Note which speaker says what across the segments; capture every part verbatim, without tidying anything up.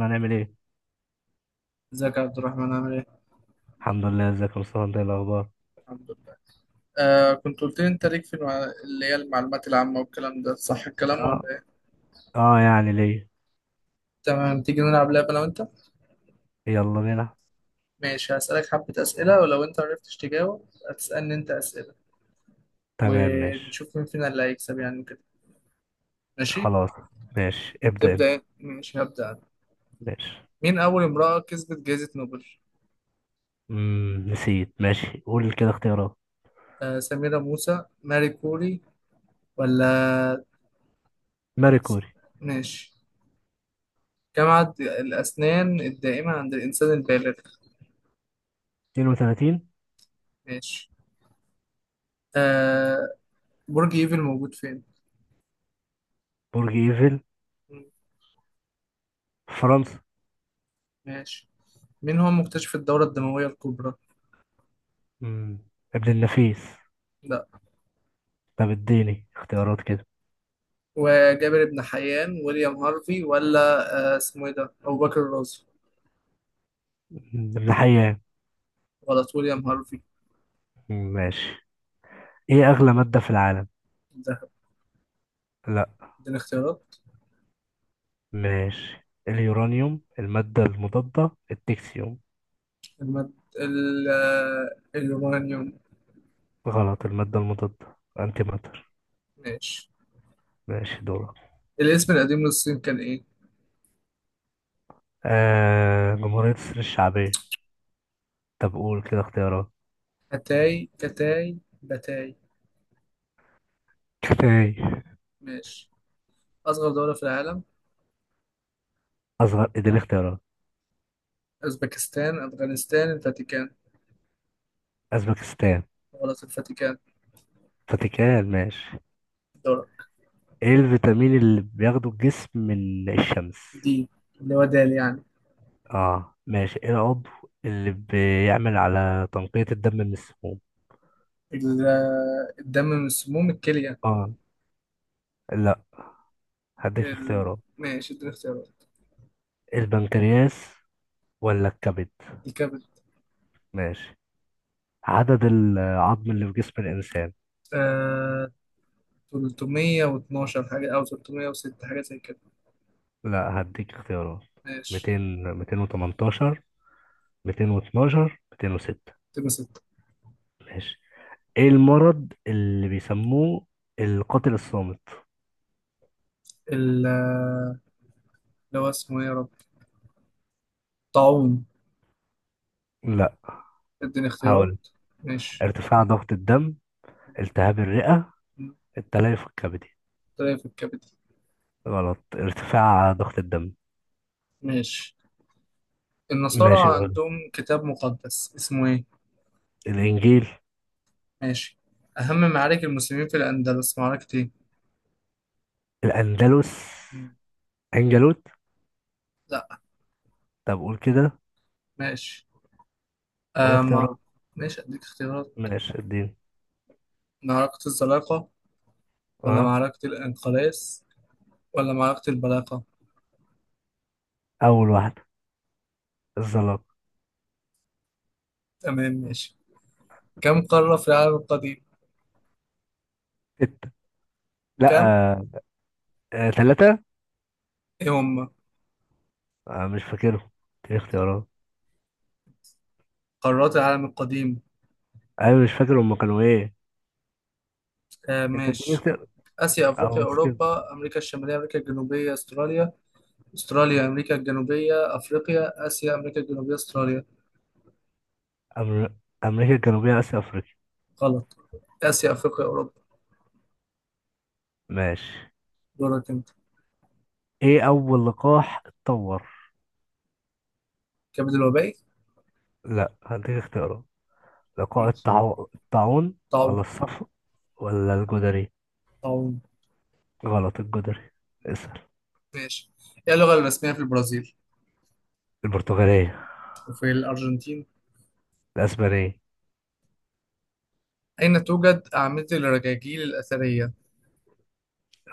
Speaker 1: هنعمل ايه؟
Speaker 2: ازيك يا عبد الرحمن عامل ايه؟
Speaker 1: الحمد لله، ازيك يا مصطفى، انت ايه الاخبار؟
Speaker 2: الحمد لله. آه كنت قلت لي انت ليك في المع... اللي هي المعلومات العامة والكلام ده، صح الكلام ولا
Speaker 1: اه.
Speaker 2: ايه؟
Speaker 1: اه، يعني ليه؟
Speaker 2: تمام، تيجي نلعب لعبة انا وانت؟
Speaker 1: يلا بينا.
Speaker 2: ماشي، هسألك حبة أسئلة، ولو انت عرفتش تجاوب هتسألني انت أسئلة،
Speaker 1: تمام، ماشي.
Speaker 2: ونشوف مين فينا اللي هيكسب يعني كده. ماشي؟
Speaker 1: خلاص. ماشي، ابدأ
Speaker 2: تبدأ
Speaker 1: انت.
Speaker 2: ايه؟ ماشي هبدأ انا.
Speaker 1: ماشي.
Speaker 2: مين أول امرأة كسبت جائزة نوبل؟
Speaker 1: مم. نسيت. ماشي، قول كده اختيارات.
Speaker 2: آه سميرة موسى، ماري كوري ولا
Speaker 1: ماري
Speaker 2: ولا س-
Speaker 1: كوري.
Speaker 2: ماشي. كم عدد الأسنان الدائمة عند الإنسان البالغ؟
Speaker 1: اتنين وتلاتين.
Speaker 2: ماشي. آه، برج ايفل موجود فين؟
Speaker 1: برج ايفل؟
Speaker 2: مم.
Speaker 1: فرنسا.
Speaker 2: ماشي. مين هو مكتشف الدورة الدموية الكبرى؟
Speaker 1: مم. ابن النفيس.
Speaker 2: لا،
Speaker 1: طب اديني اختيارات كده.
Speaker 2: وجابر بن حيان، ويليام هارفي، ولا آه اسمه ايه ده؟ أبو بكر الرازي.
Speaker 1: مم. ابن حيان.
Speaker 2: غلط، ويليام هارفي.
Speaker 1: مم، ماشي. ايه اغلى مادة في العالم؟
Speaker 2: ده
Speaker 1: لا.
Speaker 2: اديني اختيارات.
Speaker 1: ماشي. اليورانيوم، المادة المضادة، التكسيوم.
Speaker 2: المد... ال... آه، اليورانيوم.
Speaker 1: غلط، المادة المضادة، انتي ماتر.
Speaker 2: ماشي.
Speaker 1: ماشي دورك.
Speaker 2: الاسم القديم للصين كان ايه؟
Speaker 1: آه جمهورية مصر الشعبية. طب قول كده اختيارات.
Speaker 2: أتاي، كتاي، بتاي.
Speaker 1: كفاية.
Speaker 2: ماشي. أصغر دولة في العالم؟
Speaker 1: أصغر، اديني اختيارات.
Speaker 2: أوزبكستان، أفغانستان، الفاتيكان.
Speaker 1: أزبكستان.
Speaker 2: غلط، الفاتيكان
Speaker 1: فاتيكان. ماشي.
Speaker 2: دولة.
Speaker 1: ايه الفيتامين اللي بياخده الجسم من الشمس؟
Speaker 2: دي اللي هو دال يعني.
Speaker 1: اه، ماشي. ايه العضو اللي بيعمل على تنقية الدم من السموم؟
Speaker 2: ال- الدم من سموم الكلية.
Speaker 1: اه. لا. هديك
Speaker 2: ال...
Speaker 1: اختيارات.
Speaker 2: ماشي اديني اختيارات.
Speaker 1: البنكرياس، ولا الكبد؟
Speaker 2: الكبد.
Speaker 1: ماشي. عدد العظم اللي في جسم الإنسان؟
Speaker 2: آه... ثلاثمائة واثنا عشر حاجة أو ثلاثمية وستة حاجة زي كده.
Speaker 1: لا، هديك اختيارات.
Speaker 2: ماشي
Speaker 1: ميتين، ميتين وتمنتاشر، ميتين واتناشر، ميتين وستة.
Speaker 2: تبقى ستة.
Speaker 1: ماشي. ايه المرض اللي بيسموه القاتل الصامت؟
Speaker 2: ال آه، اللي هو اسمه إيه يا رب؟ طاعون.
Speaker 1: لا.
Speaker 2: اديني اختيارات.
Speaker 1: هقول.
Speaker 2: ماشي،
Speaker 1: ارتفاع ضغط الدم، التهاب الرئة، التليف الكبدي.
Speaker 2: طلع في الكبد.
Speaker 1: غلط، ارتفاع ضغط الدم.
Speaker 2: ماشي.
Speaker 1: ماشي،
Speaker 2: النصارى
Speaker 1: قول.
Speaker 2: عندهم كتاب مقدس اسمه إيه؟
Speaker 1: الانجيل.
Speaker 2: ماشي. أهم معارك المسلمين في الأندلس معركة إيه؟
Speaker 1: الاندلس؟
Speaker 2: مم.
Speaker 1: انجلوت.
Speaker 2: لا.
Speaker 1: طب قول كده.
Speaker 2: ماشي.
Speaker 1: قول
Speaker 2: آه ما
Speaker 1: اختيارات.
Speaker 2: ماشي أديك اختيارات.
Speaker 1: ماشي الدين.
Speaker 2: معركة الزلاقة، ولا
Speaker 1: اه.
Speaker 2: معركة الإنقلاز، ولا معركة البلاقة.
Speaker 1: اول واحدة، الزلاق.
Speaker 2: تمام ماشي. كم قارة في العالم القديم؟
Speaker 1: ستة. لا.
Speaker 2: كم؟
Speaker 1: آه. آه. ثلاثة.
Speaker 2: إيه هم؟
Speaker 1: آه. مش فاكرهم. اديني اختيارات.
Speaker 2: قارات العالم القديم.
Speaker 1: انا مش فاكر هما كانوا ايه.
Speaker 2: آه
Speaker 1: انت
Speaker 2: ماشي.
Speaker 1: اديني.
Speaker 2: آسيا، أفريقيا،
Speaker 1: او سكيب.
Speaker 2: أوروبا، أمريكا الشمالية، أمريكا الجنوبية، أستراليا. أستراليا، أمريكا الجنوبية، أفريقيا، آسيا، أمريكا الجنوبية، أستراليا.
Speaker 1: أمر... امريكا الجنوبية، اسيا، افريقيا.
Speaker 2: غلط، آسيا، أفريقيا، أوروبا.
Speaker 1: ماشي.
Speaker 2: دورك أنت.
Speaker 1: ايه اول لقاح اتطور؟
Speaker 2: كبد الوبائي.
Speaker 1: لا، هديك اختيارات. لقاح
Speaker 2: ماشي
Speaker 1: الطاعون، الطاعون، ولا
Speaker 2: طاعون.
Speaker 1: الصفر، ولا الجدري.
Speaker 2: طاعون.
Speaker 1: غلط، الجدري. اسأل.
Speaker 2: ماشي. إيه اللغة الرسمية في البرازيل؟
Speaker 1: البرتغالية.
Speaker 2: وفي الأرجنتين؟
Speaker 1: الاسبانية.
Speaker 2: أين توجد أعمدة الرجاجيل الأثرية؟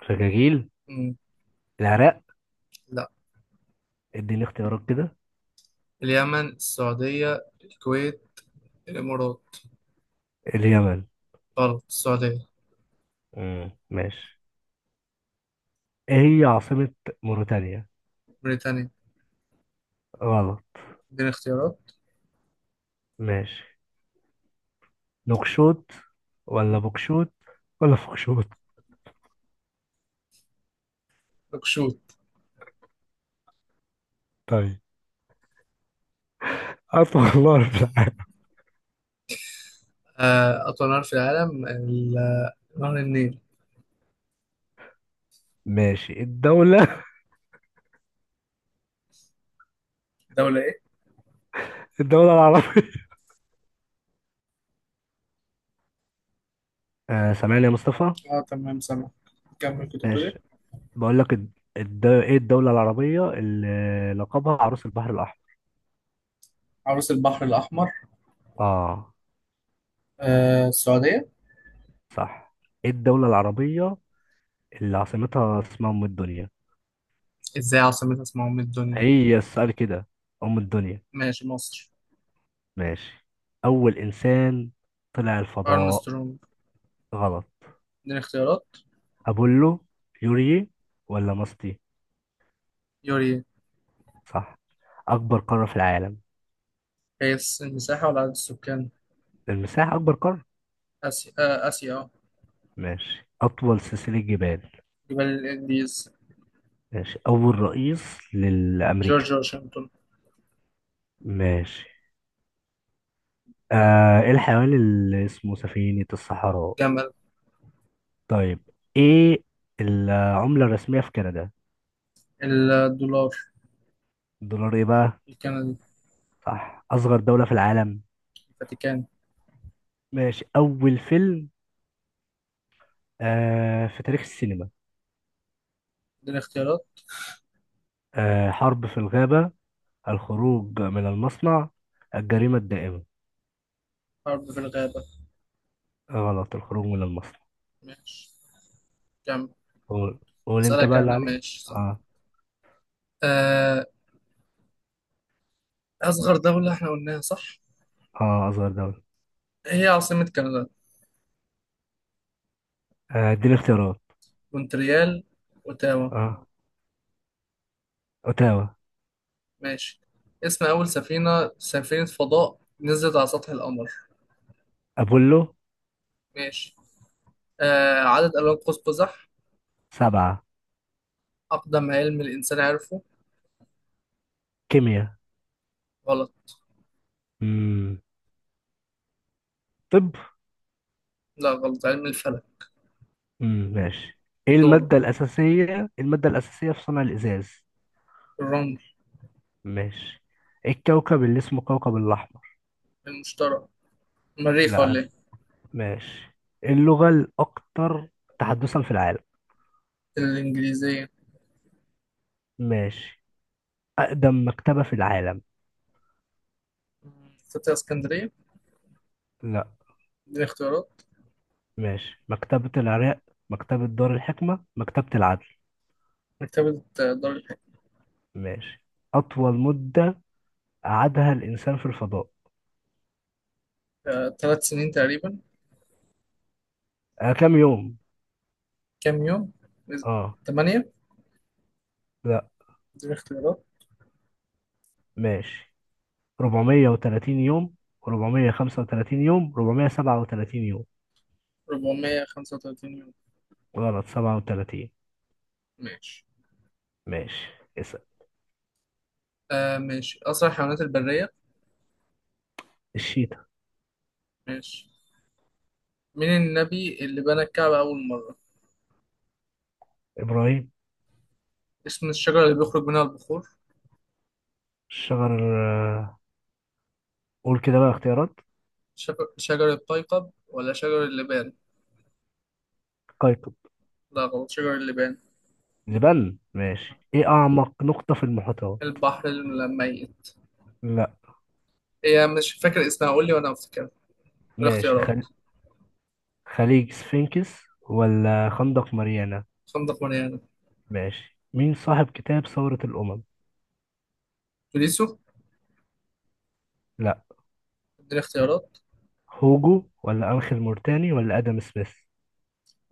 Speaker 1: الرجاجيل؟ العراق.
Speaker 2: لا.
Speaker 1: اديني اختيارات كده.
Speaker 2: اليمن، السعودية، الكويت، الإمارات.
Speaker 1: اليمن.
Speaker 2: غلط، السعودية.
Speaker 1: مم. ماشي. ايه هي عاصمة موريتانيا؟
Speaker 2: بريطانيا.
Speaker 1: غلط.
Speaker 2: اديني اختيارات.
Speaker 1: ماشي. نوكشوت، ولا
Speaker 2: مم.
Speaker 1: بوكشوت، ولا فوكشوت؟
Speaker 2: نكشوت.
Speaker 1: طيب. عارف والله
Speaker 2: آه، أطول نهر في العالم ال- آه، نهر النيل.
Speaker 1: ماشي. الدولة
Speaker 2: دولة إيه؟
Speaker 1: الدولة العربية. آه، سامعني يا مصطفى؟
Speaker 2: اه تمام سامع. كمل، كنت بتقول إيه؟
Speaker 1: ماشي. بقول لك الد... الد... ايه الدولة العربية اللي لقبها عروس البحر الأحمر؟
Speaker 2: عروس البحر الأحمر.
Speaker 1: اه.
Speaker 2: آه، السعودية.
Speaker 1: صح. ايه الدولة العربية اللي عاصمتها اسمها أم الدنيا؟
Speaker 2: إزاي عاصمة اسمها أم الدنيا؟
Speaker 1: هي السؤال كده. أم الدنيا.
Speaker 2: ماشي، مصر.
Speaker 1: ماشي. أول إنسان طلع الفضاء؟
Speaker 2: أرمسترونج.
Speaker 1: غلط.
Speaker 2: اديني اختيارات.
Speaker 1: أبولو، يوري، ولا ماستي؟
Speaker 2: يوري.
Speaker 1: صح. أكبر قارة في العالم؟
Speaker 2: قياس المساحة ولا عدد السكان؟
Speaker 1: المساحة أكبر قارة.
Speaker 2: آسيا. آه، آسيا، اه.
Speaker 1: ماشي. أطول سلسلة جبال؟
Speaker 2: جبال الإنديز.
Speaker 1: ماشي. أول رئيس لأمريكا؟
Speaker 2: جورج واشنطن.
Speaker 1: ماشي. آه إيه الحيوان اللي اسمه سفينة الصحراء؟
Speaker 2: جمل.
Speaker 1: طيب. إيه العملة الرسمية في كندا؟
Speaker 2: الدولار.
Speaker 1: الدولار إيه بقى؟
Speaker 2: الكندي.
Speaker 1: صح. أصغر دولة في العالم؟
Speaker 2: الفاتيكان.
Speaker 1: ماشي. أول فيلم آه في تاريخ السينما.
Speaker 2: اديني اختيارات.
Speaker 1: آه حرب في الغابة، الخروج من المصنع، الجريمة الدائمة.
Speaker 2: حرب في الغابة.
Speaker 1: غلط، الخروج من المصنع.
Speaker 2: ماشي كمل.
Speaker 1: قول. قول أنت
Speaker 2: أسألك
Speaker 1: بقى اللي
Speaker 2: أنا
Speaker 1: عليك.
Speaker 2: ماشي، صح؟
Speaker 1: آه.
Speaker 2: آه، أصغر دولة احنا قلناها، صح؟
Speaker 1: آه أصغر دولة.
Speaker 2: هي عاصمة كندا؟
Speaker 1: آه، إديني اختيارات.
Speaker 2: مونتريال، أوتاوا.
Speaker 1: آه أوتاوا.
Speaker 2: ماشي. اسم أول سفينة سفينة فضاء نزلت على سطح القمر؟
Speaker 1: أبولو.
Speaker 2: ماشي. آه، عدد ألوان قوس قزح.
Speaker 1: سبعة.
Speaker 2: أقدم علم الإنسان عرفه.
Speaker 1: كيمياء.
Speaker 2: غلط.
Speaker 1: مم. طب.
Speaker 2: لا، غلط، علم الفلك.
Speaker 1: مم. ماشي. ايه
Speaker 2: دوره.
Speaker 1: المادة الأساسية المادة الأساسية في صنع الإزاز.
Speaker 2: الرمل.
Speaker 1: ماشي. إيه الكوكب اللي اسمه كوكب الأحمر؟
Speaker 2: المشتري. المريخ
Speaker 1: لا،
Speaker 2: ولا إيه؟
Speaker 1: ماشي. إيه اللغة الأكثر تحدثا في العالم؟
Speaker 2: الإنجليزية.
Speaker 1: ماشي. أقدم مكتبة في العالم؟
Speaker 2: فتاة اسكندرية.
Speaker 1: لا،
Speaker 2: دي اختيارات.
Speaker 1: ماشي. مكتبة العراق، مكتبة دار الحكمة، مكتبة العدل.
Speaker 2: مكتبة دار.
Speaker 1: ماشي. أطول مدة قعدها الإنسان في الفضاء؟
Speaker 2: الحكاية ثلاث سنين تقريبا.
Speaker 1: آه كام يوم؟
Speaker 2: كام يوم؟
Speaker 1: اه.
Speaker 2: تمانية.
Speaker 1: لا،
Speaker 2: دي اختيارات.
Speaker 1: ماشي. أربعمائة وثلاثين يوم، أربعمائة وخمسة وثلاثين يوم، أربعمائة وسبعة وثلاثين يوم.
Speaker 2: أربعمية وخمسة وتلاتين يوم.
Speaker 1: غلط، سبعة وتلاتين.
Speaker 2: ماشي.
Speaker 1: ماشي، اسأل.
Speaker 2: آه ماشي، أسرع الحيوانات البرية.
Speaker 1: الشيتا.
Speaker 2: ماشي. مين النبي اللي بنى الكعبة أول مرة؟
Speaker 1: إبراهيم.
Speaker 2: اسم الشجرة اللي بيخرج منها البخور؟
Speaker 1: الشجر. آه، قول كده بقى اختيارات.
Speaker 2: شجر, شجر الطيقب ولا شجر اللبان؟
Speaker 1: قيقب.
Speaker 2: لا غلط، شجر اللبان.
Speaker 1: جبال. ماشي. ايه أعمق نقطة في المحيطات؟
Speaker 2: البحر الميت.
Speaker 1: لا،
Speaker 2: هي مش فاكر اسمها، قول لي وأنا أفتكر.
Speaker 1: ماشي.
Speaker 2: الاختيارات.
Speaker 1: خل... خليج سفينكس، ولا خندق ماريانا؟
Speaker 2: خندق مريانا.
Speaker 1: ماشي. مين صاحب كتاب ثورة الأمم؟
Speaker 2: توليسو.
Speaker 1: لا.
Speaker 2: اديني اختيارات.
Speaker 1: هوجو، ولا أنخيل مورتاني، ولا آدم سميث؟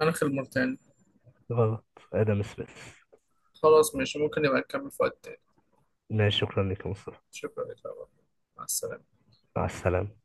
Speaker 2: أنا الموريتاني.
Speaker 1: غلط، آدم سميث.
Speaker 2: خلاص ماشي، ممكن نبقى نكمل في وقت تاني.
Speaker 1: ماشي، شكرا لك يا مصطفى.
Speaker 2: شكرا لك يا عمر. مع السلامة.
Speaker 1: مع السلامة.